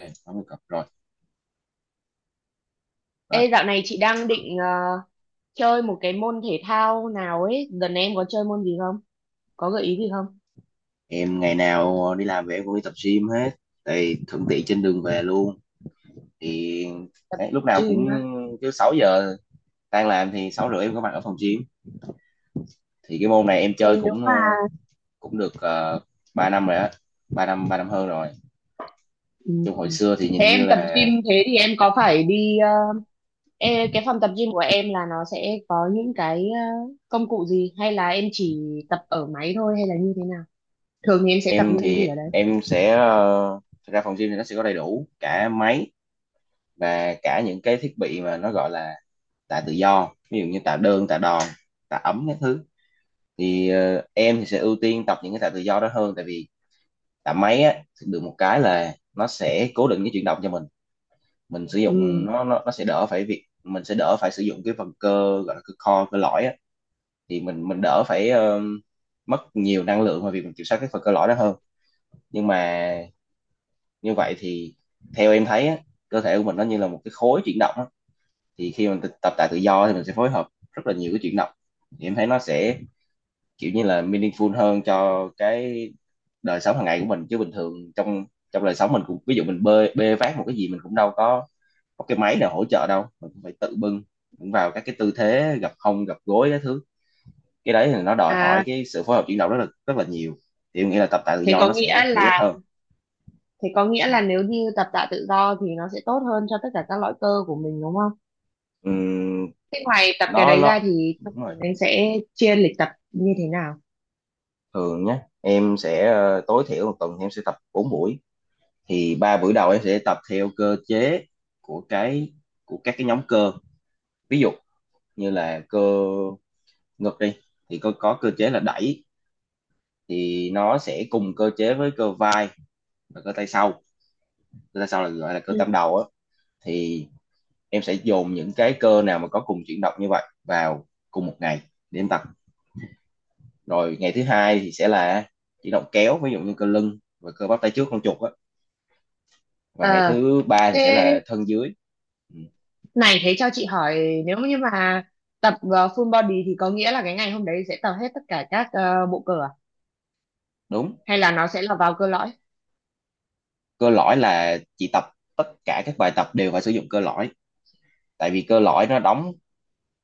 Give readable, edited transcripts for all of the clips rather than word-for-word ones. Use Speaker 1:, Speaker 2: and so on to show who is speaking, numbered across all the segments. Speaker 1: Ok, 80 cặp rồi. rồi
Speaker 2: Ê, dạo này chị đang định chơi một cái môn thể thao nào ấy. Dần này em có chơi môn gì không? Có gợi ý gì không?
Speaker 1: em ngày nào đi làm về em cũng đi tập gym hết, thì thuận tiện trên đường về luôn. Thì đấy, lúc nào cũng
Speaker 2: Gym á.
Speaker 1: cứ 6 giờ tan làm thì 6 rưỡi em có mặt ở phòng gym. Thì cái môn này em chơi
Speaker 2: Thường nếu
Speaker 1: cũng
Speaker 2: mà
Speaker 1: cũng được 3 năm rồi á, 3 năm hơn rồi.
Speaker 2: ừ.
Speaker 1: Trong hồi xưa thì
Speaker 2: Thế
Speaker 1: nhìn
Speaker 2: em
Speaker 1: như
Speaker 2: tập
Speaker 1: là
Speaker 2: gym thế thì em có phải đi ê, cái phòng tập gym của em là nó sẽ có những cái công cụ gì hay là em chỉ tập ở máy thôi hay là như thế nào? Thường thì em sẽ tập
Speaker 1: em
Speaker 2: những cái gì
Speaker 1: thì
Speaker 2: ở đấy?
Speaker 1: em sẽ thực ra phòng gym thì nó sẽ có đầy đủ cả máy và cả những cái thiết bị mà nó gọi là tạ tự do, ví dụ như tạ đơn tạ đòn tạ ấm các thứ. Thì em thì sẽ ưu tiên tập những cái tạ tự do đó hơn, tại vì tạ máy á được một cái là nó sẽ cố định cái chuyển động cho mình sử dụng
Speaker 2: Ừ.
Speaker 1: nó sẽ đỡ phải việc mình sẽ đỡ phải sử dụng cái phần cơ gọi là cơ core cơ lõi á. Thì mình đỡ phải mất nhiều năng lượng vào việc mình kiểm soát cái phần cơ lõi đó hơn. Nhưng mà như vậy thì theo em thấy á, cơ thể của mình nó như là một cái khối chuyển động á. Thì khi mình tập tạ tự do thì mình sẽ phối hợp rất là nhiều cái chuyển động, thì em thấy nó sẽ kiểu như là meaningful hơn cho cái đời sống hàng ngày của mình. Chứ bình thường trong trong đời sống mình cũng, ví dụ mình bê bê vác một cái gì mình cũng đâu có cái máy nào hỗ trợ đâu, mình cũng phải tự bưng, cũng vào các cái tư thế gập hông gập gối các thứ. Cái đấy thì nó đòi hỏi
Speaker 2: À,
Speaker 1: cái sự phối hợp chuyển động rất là nhiều. Thì em nghĩ là tập tạ tự
Speaker 2: thế
Speaker 1: do nó
Speaker 2: có
Speaker 1: sẽ
Speaker 2: nghĩa
Speaker 1: hữu ích
Speaker 2: là
Speaker 1: hơn.
Speaker 2: thế có nghĩa
Speaker 1: Ừ.
Speaker 2: là nếu như tập tạ tự do thì nó sẽ tốt hơn cho tất cả các loại cơ của mình đúng không?
Speaker 1: Ừm,
Speaker 2: Thế ngoài tập cái
Speaker 1: nó
Speaker 2: đấy ra
Speaker 1: nó
Speaker 2: thì thông
Speaker 1: đúng rồi.
Speaker 2: thường anh sẽ chia lịch tập như thế nào?
Speaker 1: Thường nhé, em sẽ tối thiểu một tuần thì em sẽ tập 4 buổi. Thì 3 buổi đầu em sẽ tập theo cơ chế của cái của các cái nhóm cơ, ví dụ như là cơ ngực đi, thì có cơ chế là đẩy thì nó sẽ cùng cơ chế với cơ vai và cơ tay sau. Cơ tay sau là gọi là cơ tam
Speaker 2: Ừ.
Speaker 1: đầu á. Thì em sẽ dồn những cái cơ nào mà có cùng chuyển động như vậy vào cùng một ngày để em tập. Rồi ngày thứ hai thì sẽ là chuyển động kéo, ví dụ như cơ lưng và cơ bắp tay trước con chuột á. Và ngày
Speaker 2: Ờ,
Speaker 1: thứ ba thì
Speaker 2: thế
Speaker 1: sẽ là thân dưới. Ừ,
Speaker 2: này, thế cho chị hỏi, nếu như mà tập full body thì có nghĩa là cái ngày hôm đấy sẽ tập hết tất cả các bộ cơ à?
Speaker 1: đúng.
Speaker 2: Hay là nó sẽ là vào cơ lõi?
Speaker 1: Cơ lõi là chị tập tất cả các bài tập đều phải sử dụng cơ lõi. Tại vì cơ lõi nó đóng,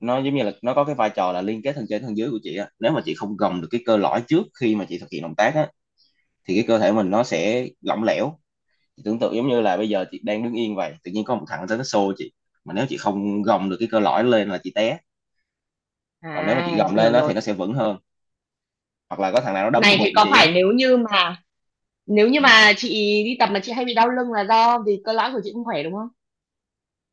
Speaker 1: nó giống như là nó có cái vai trò là liên kết thân trên thân dưới của chị á. Nếu mà chị không gồng được cái cơ lõi trước khi mà chị thực hiện động tác á thì cái cơ thể mình nó sẽ lỏng lẻo. Chị tưởng tượng giống như là bây giờ chị đang đứng yên vậy, tự nhiên có một thằng tới nó xô chị, mà nếu chị không gồng được cái cơ lõi lên là chị té. Còn nếu mà chị
Speaker 2: À, chị
Speaker 1: gồng lên
Speaker 2: hiểu
Speaker 1: đó
Speaker 2: rồi.
Speaker 1: thì nó sẽ vững hơn. Hoặc là có thằng nào nó đấm vào
Speaker 2: Này thì
Speaker 1: bụng
Speaker 2: có
Speaker 1: chị á.
Speaker 2: phải nếu như mà nếu như
Speaker 1: Ừ.
Speaker 2: mà chị đi tập mà chị hay bị đau lưng là do vì cơ lõi của chị không khỏe đúng không?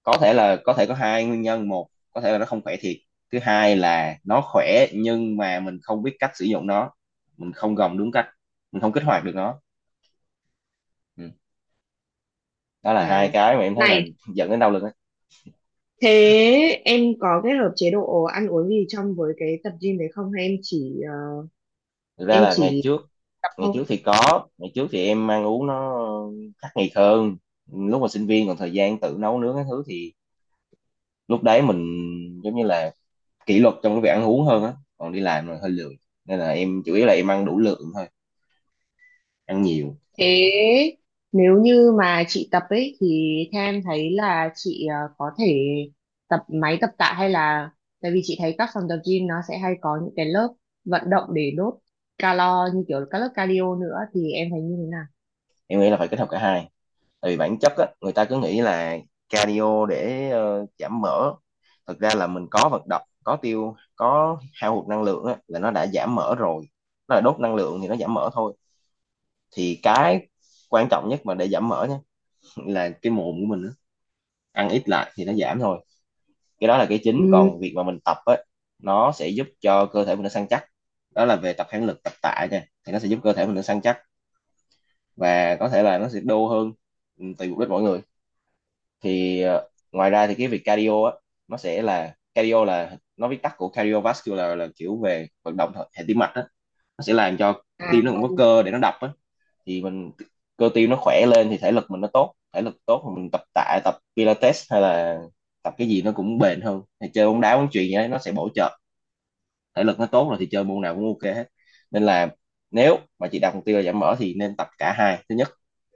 Speaker 1: Có thể là, có thể có hai nguyên nhân: một, có thể là nó không khỏe thiệt; thứ hai là nó khỏe nhưng mà mình không biết cách sử dụng nó, mình không gồng đúng cách, mình không kích hoạt được nó. Ừ. Đó là hai
Speaker 2: À,
Speaker 1: cái mà em thấy là
Speaker 2: này
Speaker 1: dẫn đến đau lưng á.
Speaker 2: thế em có kết hợp chế độ ăn uống gì trong với cái tập gym đấy không, hay em chỉ ờ,
Speaker 1: Thực ra
Speaker 2: em
Speaker 1: là ngày
Speaker 2: chỉ
Speaker 1: trước,
Speaker 2: tập
Speaker 1: ngày
Speaker 2: thôi?
Speaker 1: trước thì có, ngày trước thì em ăn uống nó khắc nghiệt hơn. Lúc mà sinh viên còn thời gian tự nấu nướng cái thứ thì lúc đấy mình giống như là kỷ luật trong cái việc ăn uống hơn á. Còn đi làm rồi hơi lười nên là em chủ yếu là em ăn đủ lượng thôi, ăn nhiều.
Speaker 2: Thế nếu như mà chị tập ấy thì theo em thấy là chị có thể tập máy tập tạ hay là, tại vì chị thấy các phòng tập gym nó sẽ hay có những cái lớp vận động để đốt calo như kiểu các lớp cardio nữa, thì em thấy như thế nào?
Speaker 1: Em nghĩ là phải kết hợp cả hai. Thì bản chất á, người ta cứ nghĩ là cardio để giảm mỡ. Thực ra là mình có vận động, có tiêu, có hao hụt năng lượng á, là nó đã giảm mỡ rồi. Nó là đốt năng lượng thì nó giảm mỡ thôi. Thì cái quan trọng nhất mà để giảm mỡ nhé, là cái mồm của mình á. Ăn ít lại thì nó giảm thôi. Cái đó là cái chính.
Speaker 2: Ừm,
Speaker 1: Còn việc mà mình tập á, nó sẽ giúp cho cơ thể mình nó săn chắc, đó là về tập kháng lực tập tạ nha. Thì nó sẽ giúp cơ thể mình nó săn chắc và có thể là nó sẽ đô hơn. Ừ, tùy mục đích mỗi người. Thì ngoài ra thì cái việc cardio á, nó sẽ là, cardio là nó viết tắt của cardiovascular, là kiểu về vận động hệ hệ tim mạch á. Nó sẽ làm cho
Speaker 2: à,
Speaker 1: tim nó cũng có cơ để nó đập á. Thì mình, cơ tim nó khỏe lên thì thể lực mình nó tốt. Thể lực tốt thì mình tập tạ tập pilates hay là tập cái gì nó cũng bền hơn. Thì chơi bóng đá bóng chuyền gì đấy nó sẽ bổ trợ. Thể lực nó tốt rồi thì chơi môn nào cũng ok hết. Nên là nếu mà chị đặt mục tiêu là giảm mỡ thì nên tập cả hai. Thứ nhất,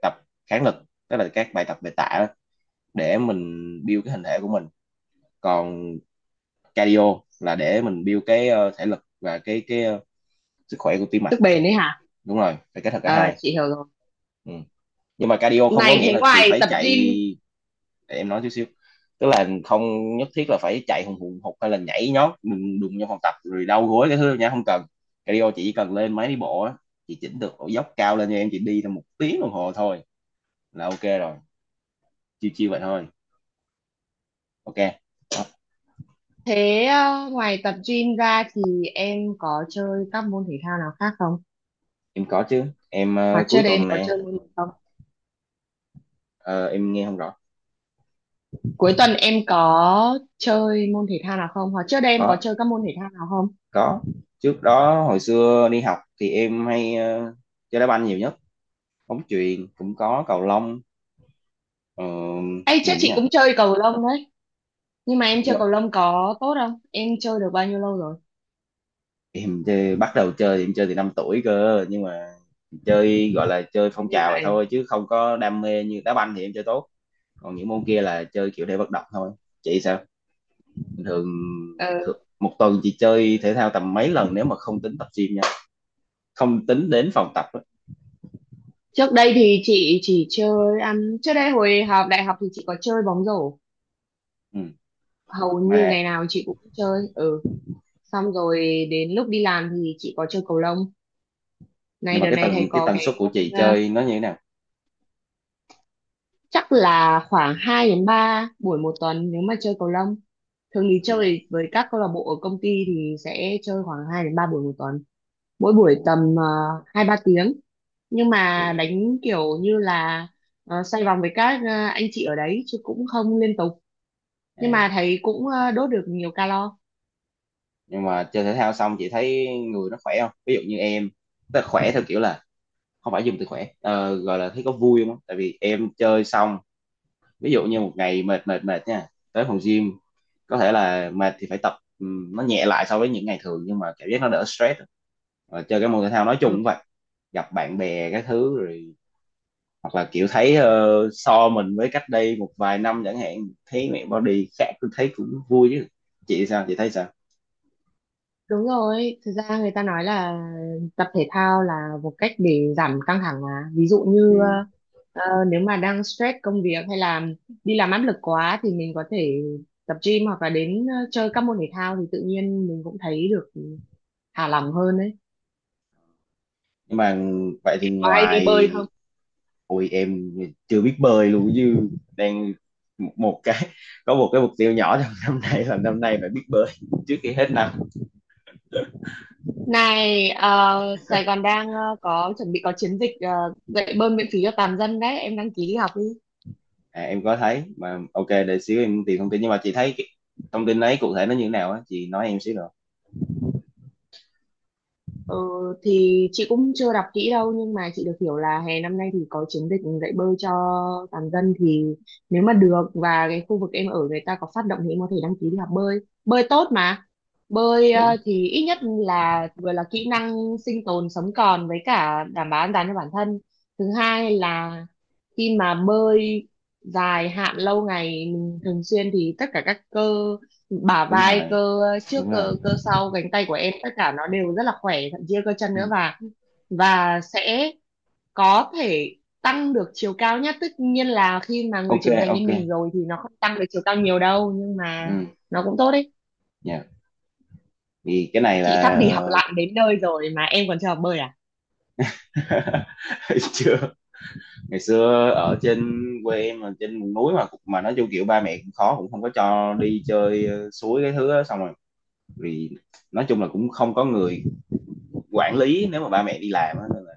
Speaker 1: tập kháng lực, tức là các bài tập về tạ đó, để mình build cái hình thể của mình. Còn cardio là để mình build cái thể lực và cái sức khỏe của tim mạch.
Speaker 2: sức bền đấy hả?
Speaker 1: Đúng rồi, phải kết hợp cả
Speaker 2: À,
Speaker 1: hai.
Speaker 2: chị hiểu rồi.
Speaker 1: Ừ. Nhưng mà cardio không có
Speaker 2: Này
Speaker 1: nghĩa
Speaker 2: thế
Speaker 1: là chị
Speaker 2: ngoài
Speaker 1: phải
Speaker 2: tập
Speaker 1: chạy.
Speaker 2: gym,
Speaker 1: Để em nói chút xíu, tức là không nhất thiết là phải chạy hùng hùng hục hay là nhảy nhót đùng đùng trong phòng tập rồi đau gối cái thứ nha, không cần. Cardio chị chỉ cần lên máy đi bộ á, chị chỉnh được độ dốc cao lên cho em, chị đi tầm một tiếng đồng hồ thôi là ok rồi. Chiêu chiêu vậy thôi. Ok. Đó,
Speaker 2: thế ngoài tập gym ra thì em có chơi các môn thể thao nào khác không,
Speaker 1: em có chứ. Em
Speaker 2: hoặc
Speaker 1: cuối
Speaker 2: trước đây em
Speaker 1: tuần
Speaker 2: có
Speaker 1: này
Speaker 2: chơi môn gì?
Speaker 1: ờ, em nghe không rõ.
Speaker 2: Cuối tuần em có chơi môn thể thao nào không? Hoặc trước đây em có
Speaker 1: Có,
Speaker 2: chơi các môn thể thao nào không?
Speaker 1: có. Trước đó hồi xưa đi học thì em hay chơi đá banh nhiều nhất, bóng chuyền cũng có, cầu lông, ờ,
Speaker 2: Ê,
Speaker 1: gì
Speaker 2: chắc
Speaker 1: nữa
Speaker 2: chị
Speaker 1: nhỉ.
Speaker 2: cũng chơi cầu lông đấy. Nhưng mà em
Speaker 1: Nhưng
Speaker 2: chơi
Speaker 1: mà
Speaker 2: cầu lông có tốt không? Em chơi được bao nhiêu lâu rồi?
Speaker 1: em chơi, bắt đầu chơi thì em chơi từ 5 tuổi cơ, nhưng mà chơi gọi là chơi
Speaker 2: Thế.
Speaker 1: phong
Speaker 2: Như
Speaker 1: trào vậy
Speaker 2: vậy.
Speaker 1: thôi chứ không có đam mê. Như đá banh thì em chơi tốt, còn những môn kia là chơi kiểu để vận động thôi. Chị sao? Bình thường
Speaker 2: Ờ,
Speaker 1: thường một tuần chị chơi thể thao tầm mấy lần, nếu mà không tính tập gym nha, không tính đến phòng tập á.
Speaker 2: trước đây thì chị chỉ chơi ăn, trước đây hồi học đại học thì chị có chơi bóng rổ,
Speaker 1: Ừ.
Speaker 2: hầu
Speaker 1: Mà
Speaker 2: như ngày nào chị cũng chơi, ừ, xong rồi đến lúc đi làm thì chị có chơi cầu lông.
Speaker 1: nhưng
Speaker 2: Này
Speaker 1: mà
Speaker 2: đợt này thầy
Speaker 1: cái
Speaker 2: có
Speaker 1: tần
Speaker 2: cái
Speaker 1: suất của
Speaker 2: môn
Speaker 1: chị chơi nó như thế nào?
Speaker 2: chắc là khoảng 2 đến 3 buổi một tuần nếu mà chơi cầu lông. Thường thì chơi với các câu lạc bộ ở công ty thì sẽ chơi khoảng 2 đến 3 buổi một tuần, mỗi buổi
Speaker 1: Ừ.
Speaker 2: tầm 2 3 tiếng, nhưng mà
Speaker 1: Ui.
Speaker 2: đánh kiểu như là xoay vòng với các anh chị ở đấy chứ cũng không liên tục, nhưng
Speaker 1: À.
Speaker 2: mà thấy cũng đốt được nhiều calo.
Speaker 1: Nhưng mà chơi thể thao xong chị thấy người nó khỏe không? Ví dụ như em, tức là khỏe theo kiểu là, không phải dùng từ khỏe, gọi là thấy có vui không? Tại vì em chơi xong, ví dụ như một ngày mệt mệt mệt nha, tới phòng gym, có thể là mệt thì phải tập, nó nhẹ lại so với những ngày thường, nhưng mà cảm giác nó đỡ stress. Và chơi cái môn thể thao nói chung
Speaker 2: Ừ,
Speaker 1: cũng vậy, gặp bạn bè cái thứ rồi, hoặc là kiểu thấy so mình với cách đây một vài năm chẳng hạn, thấy mẹ body khác tôi thấy cũng vui chứ. Chị sao? Chị thấy sao?
Speaker 2: đúng rồi, thực ra người ta nói là tập thể thao là một cách để giảm căng thẳng mà. Ví dụ như nếu mà đang stress công việc hay là đi làm áp lực quá thì mình có thể tập gym hoặc là đến chơi các môn thể thao thì tự nhiên mình cũng thấy được thả lỏng hơn đấy.
Speaker 1: Nhưng mà vậy thì
Speaker 2: Có hay đi
Speaker 1: ngoài...
Speaker 2: bơi không?
Speaker 1: Ôi, em chưa biết bơi luôn chứ. Đang một một cái, có một cái mục tiêu nhỏ trong năm nay là năm nay phải biết bơi trước khi hết năm.
Speaker 2: Này, Sài Gòn đang có chuẩn bị có chiến dịch dạy bơi miễn phí cho toàn dân đấy, em đăng ký đi học đi.
Speaker 1: À, em có thấy mà. Ok, để xíu em tìm thông tin. Nhưng mà chị thấy cái thông tin ấy cụ thể nó như thế nào á, chị nói em xíu được.
Speaker 2: Ờ, thì chị cũng chưa đọc kỹ đâu nhưng mà chị được hiểu là hè năm nay thì có chiến dịch dạy bơi cho toàn dân, thì nếu mà được và cái khu vực em ở người ta có phát động thì em có thể đăng ký đi học bơi. Bơi tốt mà, bơi
Speaker 1: Đúng,
Speaker 2: thì ít nhất là vừa là kỹ năng sinh tồn, sống còn với cả đảm bảo an toàn cho bản thân. Thứ hai là khi mà bơi dài hạn lâu ngày mình thường xuyên thì tất cả các cơ bả
Speaker 1: đúng
Speaker 2: vai,
Speaker 1: rồi,
Speaker 2: cơ trước,
Speaker 1: đúng rồi.
Speaker 2: cơ cơ sau cánh tay của em tất cả nó đều rất là khỏe, thậm chí là cơ chân
Speaker 1: Ừ.
Speaker 2: nữa, và sẽ có thể tăng được chiều cao. Nhất tất nhiên là khi mà người
Speaker 1: Ok,
Speaker 2: trưởng thành như
Speaker 1: ok.
Speaker 2: mình rồi thì nó không tăng được chiều cao nhiều đâu, nhưng mà
Speaker 1: Ừ.
Speaker 2: nó cũng tốt đấy.
Speaker 1: Dạ, thì cái này
Speaker 2: Chị sắp
Speaker 1: là...
Speaker 2: đi học lặn đến nơi rồi mà em còn chưa học bơi à?
Speaker 1: chưa. Ngày xưa ở trên quê em mà trên vùng núi, mà nói chung kiểu ba mẹ cũng khó cũng không có cho đi chơi suối cái thứ đó. Xong rồi vì nói chung là cũng không có người quản lý nếu mà ba mẹ đi làm á, nên là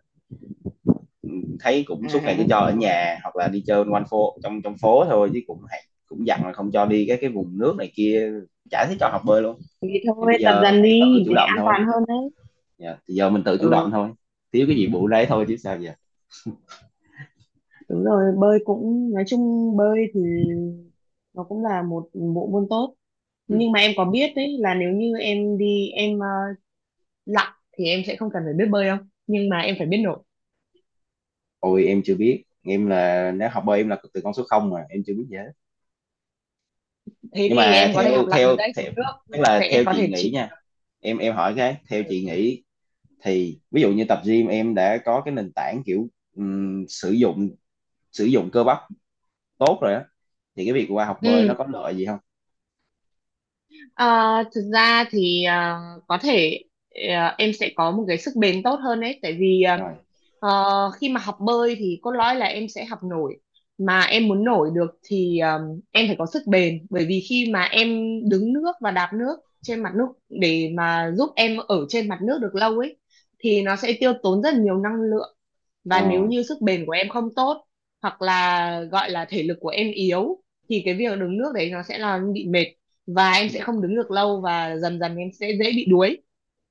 Speaker 1: ừ, thấy cũng
Speaker 2: À,
Speaker 1: suốt ngày cứ cho
Speaker 2: hiểu
Speaker 1: ở
Speaker 2: rồi,
Speaker 1: nhà hoặc là đi chơi quanh phố, trong trong phố thôi, chứ cũng hạn- cũng dặn là không cho đi các cái vùng nước này kia, chả thấy cho học bơi luôn.
Speaker 2: thì
Speaker 1: Thì
Speaker 2: thôi
Speaker 1: bây
Speaker 2: tập
Speaker 1: giờ
Speaker 2: dần
Speaker 1: phải tự
Speaker 2: đi
Speaker 1: chủ
Speaker 2: để
Speaker 1: động
Speaker 2: an
Speaker 1: thôi.
Speaker 2: toàn hơn đấy.
Speaker 1: Dạ, thì giờ mình tự chủ động
Speaker 2: Ừ.
Speaker 1: thôi, thiếu cái gì bù đấy thôi chứ sao giờ.
Speaker 2: Đúng rồi, bơi cũng, nói chung bơi thì nó cũng là một bộ môn tốt.
Speaker 1: Ừ.
Speaker 2: Nhưng mà em có biết đấy là nếu như em đi lặn thì em sẽ không cần phải biết bơi đâu, nhưng mà em phải biết nổi.
Speaker 1: Ôi em chưa biết, em là nếu học bơi em là từ con số không, mà em chưa biết gì hết.
Speaker 2: Thế
Speaker 1: Nhưng
Speaker 2: thì
Speaker 1: mà
Speaker 2: em có thể
Speaker 1: theo
Speaker 2: học lặn ở
Speaker 1: theo
Speaker 2: đấy,
Speaker 1: theo,
Speaker 2: xuống
Speaker 1: tức
Speaker 2: nước
Speaker 1: là
Speaker 2: sẽ
Speaker 1: theo
Speaker 2: có
Speaker 1: chị
Speaker 2: thể
Speaker 1: nghĩ
Speaker 2: chịu.
Speaker 1: nha, em hỏi cái theo chị nghĩ, thì ví dụ như tập gym em đã có cái nền tảng kiểu ừm, sử dụng sử dụng cơ bắp tốt rồi á, thì cái việc qua học bơi nó
Speaker 2: Ừ.
Speaker 1: có lợi gì không?
Speaker 2: Ờ, thực ra thì có thể em sẽ có một cái sức bền tốt hơn đấy, tại vì
Speaker 1: Rồi
Speaker 2: Ờ, khi mà học bơi thì cốt lõi là em sẽ học nổi, mà em muốn nổi được thì em phải có sức bền, bởi vì khi mà em đứng nước và đạp nước trên mặt nước để mà giúp em ở trên mặt nước được lâu ấy thì nó sẽ tiêu tốn rất nhiều năng lượng.
Speaker 1: ờ.
Speaker 2: Và nếu như sức bền của em không tốt hoặc là gọi là thể lực của em yếu thì cái việc đứng nước đấy nó sẽ là bị mệt, và em
Speaker 1: Ừ.
Speaker 2: sẽ không đứng được lâu và dần dần em sẽ dễ bị đuối.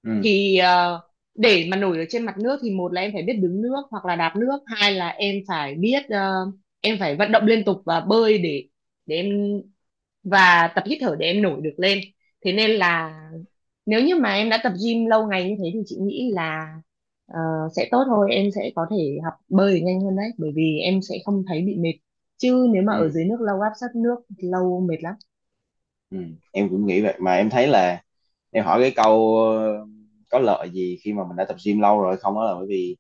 Speaker 1: Ừ.
Speaker 2: Thì để mà nổi ở trên mặt nước thì một là em phải biết đứng nước hoặc là đạp nước, hai là em phải biết, em phải vận động liên tục và bơi để em, và tập hít thở để em nổi được lên. Thế nên là nếu như mà em đã tập gym lâu ngày như thế thì chị nghĩ là ờ, sẽ tốt thôi, em sẽ có thể học bơi nhanh hơn đấy bởi vì em sẽ không thấy bị mệt, chứ nếu mà ở
Speaker 1: Ừ.
Speaker 2: dưới nước lâu, áp sát nước lâu mệt lắm.
Speaker 1: Ừ. Em cũng nghĩ vậy. Mà em thấy là em hỏi cái câu có lợi gì khi mà mình đã tập gym lâu rồi không, đó là bởi vì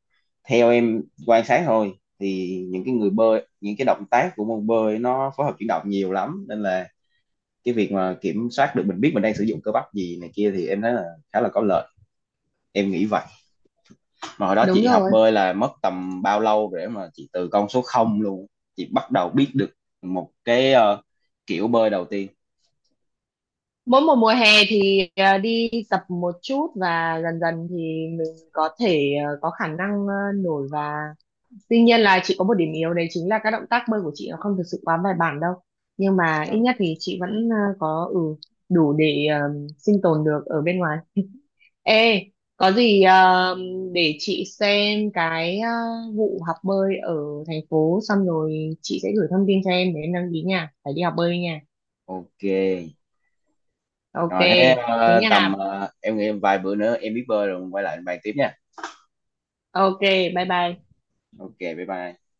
Speaker 1: theo em quan sát thôi, thì những cái người bơi những cái động tác của môn bơi nó phối hợp chuyển động nhiều lắm, nên là cái việc mà kiểm soát được mình biết mình đang sử dụng cơ bắp gì này kia thì em thấy là khá là có lợi. Em nghĩ vậy. Mà hồi đó
Speaker 2: Đúng
Speaker 1: chị học
Speaker 2: rồi,
Speaker 1: bơi là mất tầm bao lâu để mà chị từ con số không luôn, chị bắt đầu biết được một cái kiểu bơi đầu tiên?
Speaker 2: mỗi một mùa hè thì đi tập một chút và dần dần thì mình có thể, có khả năng nổi, và tuy nhiên là chị có một điểm yếu đấy chính là các động tác bơi của chị nó không thực sự quá bài bản đâu, nhưng mà
Speaker 1: Ờ,
Speaker 2: ít nhất thì chị vẫn, có, ừ, đủ để sinh tồn được ở bên ngoài. Ê, có gì để chị xem cái vụ học bơi ở thành phố xong rồi chị sẽ gửi thông tin cho em để em đăng ký nha, phải đi học bơi nha.
Speaker 1: ok,
Speaker 2: Ok.
Speaker 1: rồi thế
Speaker 2: Thế
Speaker 1: tầm
Speaker 2: nha.
Speaker 1: em nghĩ vài bữa nữa em biết bơi rồi quay lại bàn tiếp nha.
Speaker 2: Ok, bye bye.
Speaker 1: Ok bye bye